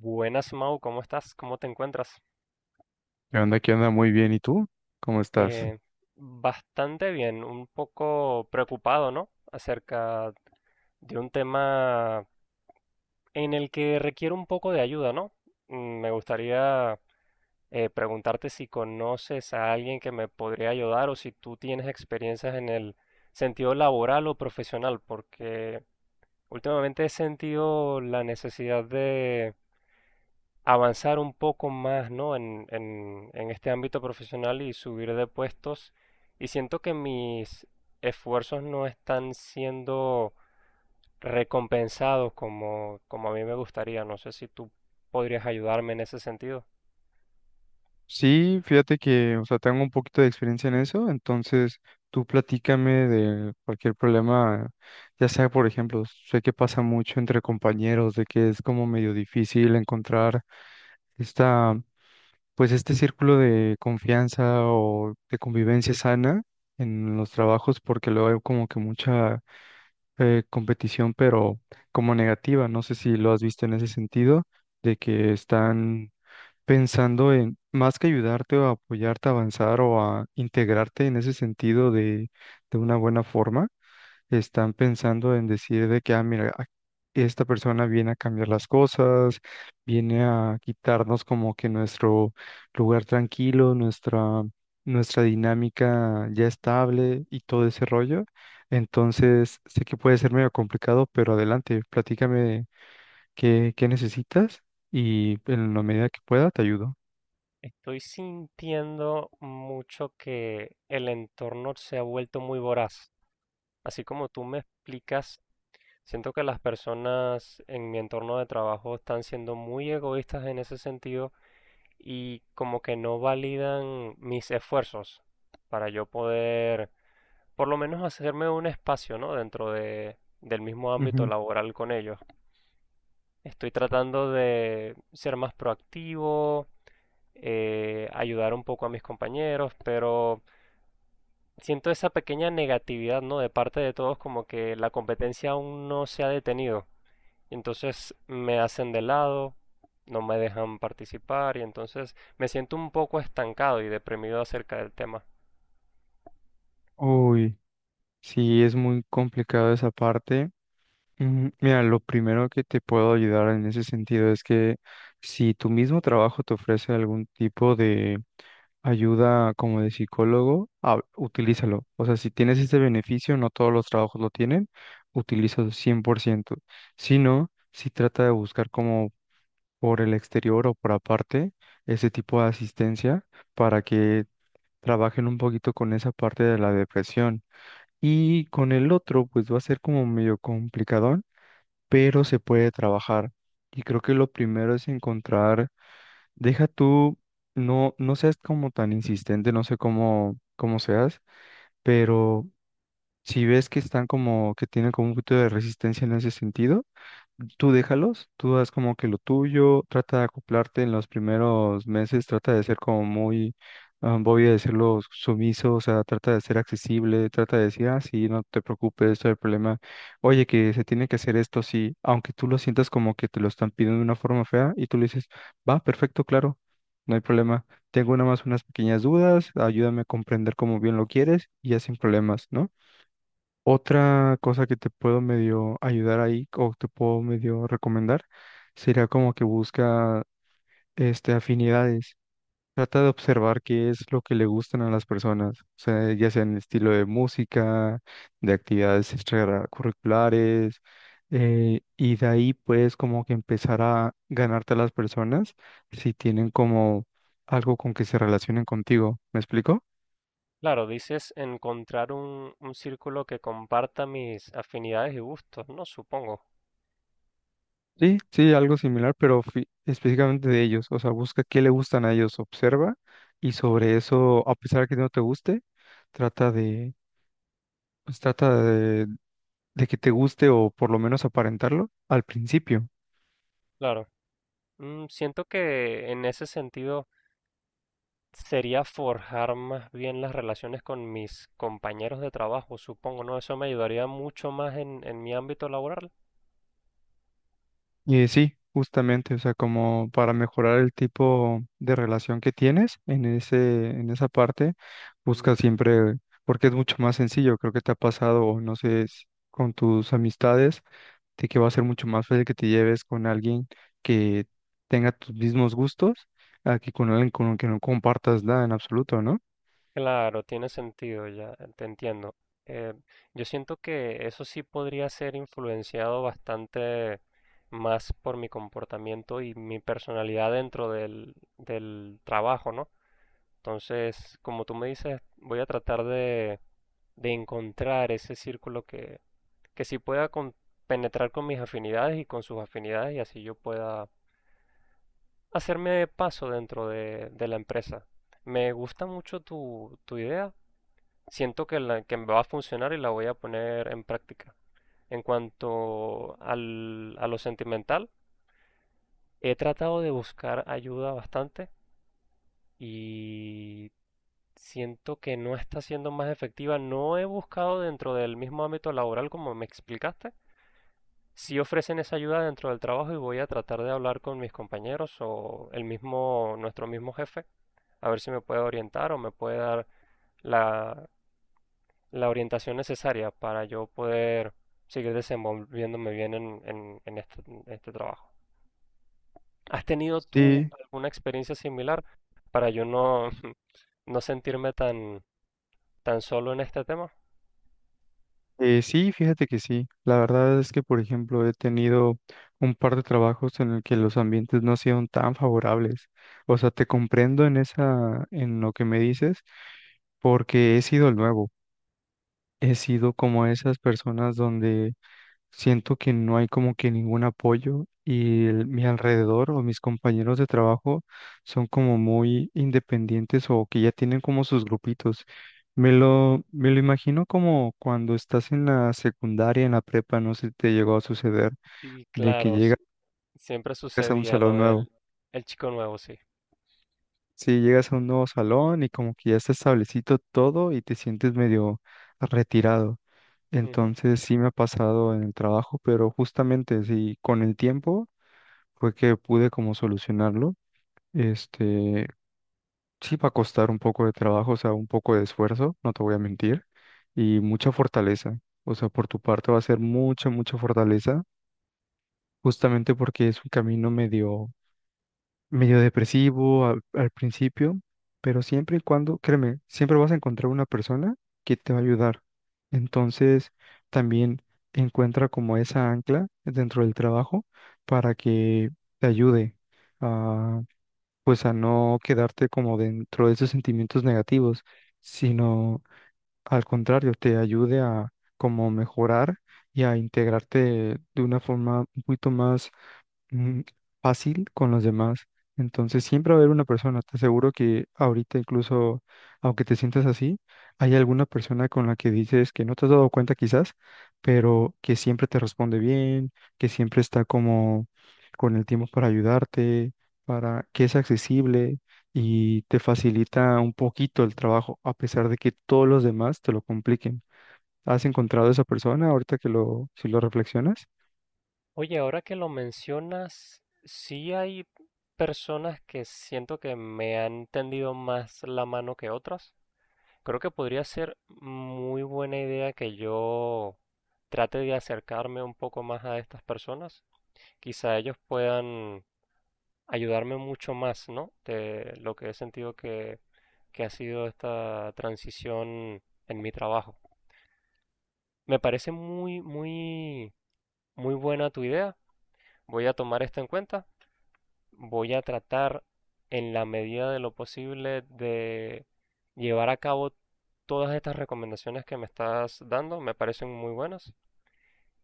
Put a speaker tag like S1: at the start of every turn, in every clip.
S1: Buenas, Mau, ¿cómo estás? ¿Cómo te encuentras?
S2: ¿Qué onda? ¿Qué onda? Muy bien. ¿Y tú? ¿Cómo estás?
S1: Eh, Bastante bien, un poco preocupado, ¿no? Acerca de un tema en el que requiere un poco de ayuda, ¿no? Me gustaría preguntarte si conoces a alguien que me podría ayudar o si tú tienes experiencias en el sentido laboral o profesional, porque últimamente he sentido la necesidad de avanzar un poco más, ¿no? En este ámbito profesional y subir de puestos. Y siento que mis esfuerzos no están siendo recompensados como a mí me gustaría. No sé si tú podrías ayudarme en ese sentido.
S2: Sí, fíjate que, o sea, tengo un poquito de experiencia en eso, entonces tú platícame de cualquier problema, ya sea, por ejemplo, sé que pasa mucho entre compañeros, de que es como medio difícil encontrar esta, pues este círculo de confianza o de convivencia sana en los trabajos, porque luego hay como que mucha competición, pero como negativa, no sé si lo has visto en ese sentido de que están pensando en, más que ayudarte o apoyarte a avanzar o a integrarte en ese sentido de una buena forma, están pensando en decir de que, ah, mira, esta persona viene a cambiar las cosas, viene a quitarnos como que nuestro lugar tranquilo, nuestra dinámica ya estable y todo ese rollo. Entonces, sé que puede ser medio complicado, pero adelante, platícame qué necesitas y en la medida que pueda te ayudo.
S1: Estoy sintiendo mucho que el entorno se ha vuelto muy voraz. Así como tú me explicas, siento que las personas en mi entorno de trabajo están siendo muy egoístas en ese sentido y como que no validan mis esfuerzos para yo poder por lo menos hacerme un espacio, ¿no? Dentro del mismo ámbito
S2: Ujú.
S1: laboral con ellos. Estoy tratando de ser más proactivo, ayudar un poco a mis compañeros, pero siento esa pequeña negatividad, ¿no? De parte de todos, como que la competencia aún no se ha detenido. Entonces me hacen de lado, no me dejan participar y entonces me siento un poco estancado y deprimido acerca del tema.
S2: Uy, sí, es muy complicado esa parte. Ujú. Mira, lo primero que te puedo ayudar en ese sentido es que si tu mismo trabajo te ofrece algún tipo de ayuda como de psicólogo, ah, utilízalo. O sea, si tienes ese beneficio, no todos los trabajos lo tienen, utilízalo cien por ciento. Si no, si trata de buscar como por el exterior o por aparte ese tipo de asistencia para que trabajen un poquito con esa parte de la depresión. Y con el otro, pues va a ser como medio complicadón, pero se puede trabajar. Y creo que lo primero es encontrar, deja tú, no, no seas como tan insistente, no sé cómo seas, pero si ves que están como, que tienen como un poquito de resistencia en ese sentido, tú déjalos, tú haz como que lo tuyo, trata de acoplarte en los primeros meses, trata de ser como muy, ah, voy a decirlo, sumiso, o sea, trata de ser accesible, trata de decir, ah, sí, no te preocupes, esto es el problema, oye, que se tiene que hacer esto, sí, aunque tú lo sientas como que te lo están pidiendo de una forma fea y tú le dices, va, perfecto, claro, no hay problema, tengo nada más unas pequeñas dudas, ayúdame a comprender cómo bien lo quieres y ya sin problemas, ¿no? Otra cosa que te puedo medio ayudar ahí o te puedo medio recomendar sería como que busca este afinidades. Trata de observar qué es lo que le gustan a las personas, o sea, ya sea en el estilo de música, de actividades extracurriculares, y de ahí puedes como que empezar a ganarte a las personas si tienen como algo con que se relacionen contigo. ¿Me explico?
S1: Claro, dices encontrar un círculo que comparta mis afinidades y gustos, ¿no? Supongo.
S2: Sí, sí, algo similar, pero específicamente de ellos. O sea, busca qué le gustan a ellos, observa y sobre eso, a pesar de que no te guste, trata de, pues trata de que te guste o por lo menos aparentarlo al principio.
S1: Claro. Siento que en ese sentido sería forjar más bien las relaciones con mis compañeros de trabajo, supongo, ¿no? Eso me ayudaría mucho más en mi ámbito laboral.
S2: Y sí, justamente, o sea, como para mejorar el tipo de relación que tienes en en esa parte, busca siempre, porque es mucho más sencillo. Creo que te ha pasado, o no sé, con tus amistades de que va a ser mucho más fácil que te lleves con alguien que tenga tus mismos gustos a que con alguien con el que no compartas nada en absoluto, ¿no?
S1: Claro, tiene sentido, ya te entiendo. Eh, yo siento que eso sí podría ser influenciado bastante más por mi comportamiento y mi personalidad dentro del trabajo, ¿no? Entonces, como tú me dices, voy a tratar de encontrar ese círculo que sí pueda penetrar con mis afinidades y con sus afinidades y así yo pueda hacerme paso dentro de la empresa. Me gusta mucho tu idea. Siento que me va a funcionar y la voy a poner en práctica. En cuanto a lo sentimental, he tratado de buscar ayuda bastante y siento que no está siendo más efectiva. No he buscado dentro del mismo ámbito laboral como me explicaste. Si ofrecen esa ayuda dentro del trabajo y voy a tratar de hablar con mis compañeros o el mismo, nuestro mismo jefe, a ver si me puede orientar o me puede dar la, la orientación necesaria para yo poder seguir desenvolviéndome bien en, en este trabajo. ¿Has tenido tú
S2: Sí,
S1: alguna experiencia similar para yo no, no sentirme tan, tan solo en este tema?
S2: sí, fíjate que sí. La verdad es que, por ejemplo, he tenido un par de trabajos en el que los ambientes no han sido tan favorables. O sea, te comprendo en esa, en lo que me dices, porque he sido el nuevo. He sido como esas personas donde siento que no hay como que ningún apoyo y mi alrededor o mis compañeros de trabajo son como muy independientes o que ya tienen como sus grupitos. Me lo imagino como cuando estás en la secundaria, en la prepa, no sé si te llegó a suceder,
S1: Y
S2: de que
S1: claro,
S2: llegas
S1: siempre
S2: a un
S1: sucedía lo
S2: salón nuevo.
S1: del el chico nuevo, sí.
S2: Sí, llegas a un nuevo salón y como que ya está establecido todo y te sientes medio retirado.
S1: Ujú.
S2: Entonces sí me ha pasado en el trabajo, pero justamente sí, con el tiempo fue que pude como solucionarlo. Este, sí va a costar un poco de trabajo, o sea, un poco de esfuerzo, no te voy a mentir, y mucha fortaleza. O sea, por tu parte va a ser mucha, mucha fortaleza, justamente porque es un camino medio depresivo al principio, pero siempre y cuando, créeme, siempre vas a encontrar una persona que te va a ayudar. Entonces, también encuentra como esa ancla dentro del trabajo para que te ayude, pues a no quedarte como dentro de esos sentimientos negativos, sino al contrario, te ayude a como mejorar y a integrarte de una forma un poquito más mm, fácil con los demás. Entonces siempre va a haber una persona. Te aseguro que ahorita incluso, aunque te sientas así, hay alguna persona con la que dices que no te has dado cuenta quizás, pero que siempre te responde bien, que siempre está como con el tiempo para ayudarte, para que es accesible y te facilita un poquito el trabajo, a pesar de que todos los demás te lo compliquen. ¿Has encontrado esa persona ahorita que lo, si lo reflexionas?
S1: Oye, ahora que lo mencionas, sí hay personas que siento que me han tendido más la mano que otras. Creo que podría ser muy buena idea que yo trate de acercarme un poco más a estas personas. Quizá ellos puedan ayudarme mucho más, ¿no? De lo que he sentido que ha sido esta transición en mi trabajo. Me parece muy, muy, muy buena tu idea. Voy a tomar esto en cuenta, voy a tratar en la medida de lo posible de llevar a cabo todas estas recomendaciones que me estás dando, me parecen muy buenas.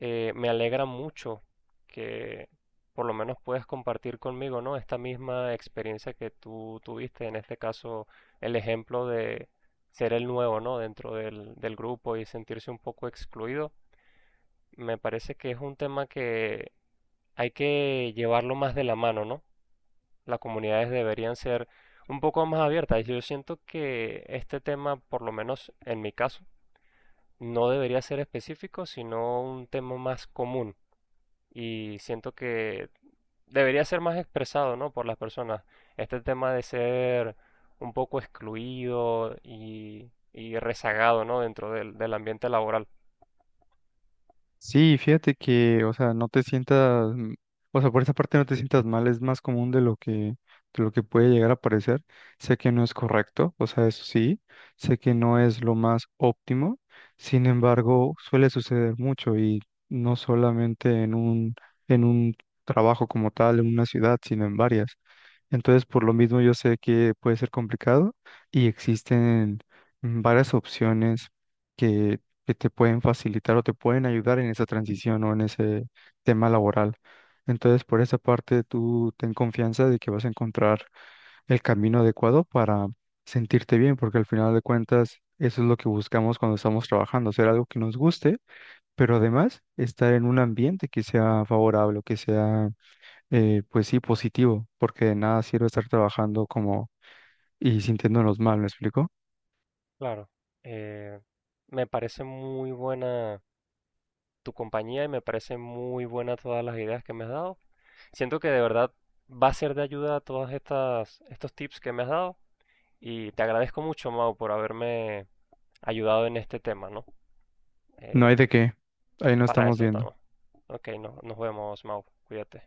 S1: Me alegra mucho que por lo menos puedas compartir conmigo, ¿no? Esta misma experiencia que tú tuviste, en este caso el ejemplo de ser el nuevo, ¿no? Dentro del grupo y sentirse un poco excluido. Me parece que es un tema que hay que llevarlo más de la mano, ¿no? Las comunidades deberían ser un poco más abiertas. Yo siento que este tema, por lo menos en mi caso, no debería ser específico, sino un tema más común. Y siento que debería ser más expresado, ¿no? Por las personas. Este tema de ser un poco excluido y rezagado, ¿no? Dentro del ambiente laboral.
S2: Sí, fíjate que, o sea, no te sientas, o sea, por esa parte no te sientas mal, es más común de lo de lo que puede llegar a parecer. Sé que no es correcto, o sea, eso sí, sé que no es lo más óptimo, sin embargo, suele suceder mucho y no solamente en en un trabajo como tal, en una ciudad, sino en varias. Entonces, por lo mismo, yo sé que puede ser complicado y existen varias opciones que te pueden facilitar o te pueden ayudar en esa transición o en ese tema laboral. Entonces, por esa parte, tú ten confianza de que vas a encontrar el camino adecuado para sentirte bien, porque al final de cuentas, eso es lo que buscamos cuando estamos trabajando, hacer algo que nos guste, pero además estar en un ambiente que sea favorable o que sea, pues sí, positivo, porque de nada sirve estar trabajando como y sintiéndonos mal, ¿me explico?
S1: Claro. Eh, Me parece muy buena tu compañía y me parece muy buena todas las ideas que me has dado. Siento que de verdad va a ser de ayuda a estos tips que me has dado y te agradezco mucho, Mau, por haberme ayudado en este tema, ¿no?
S2: No hay
S1: Eh,
S2: de qué, ahí no
S1: para
S2: estamos
S1: eso
S2: viendo.
S1: estamos. Ok, no, nos vemos, Mau. Cuídate.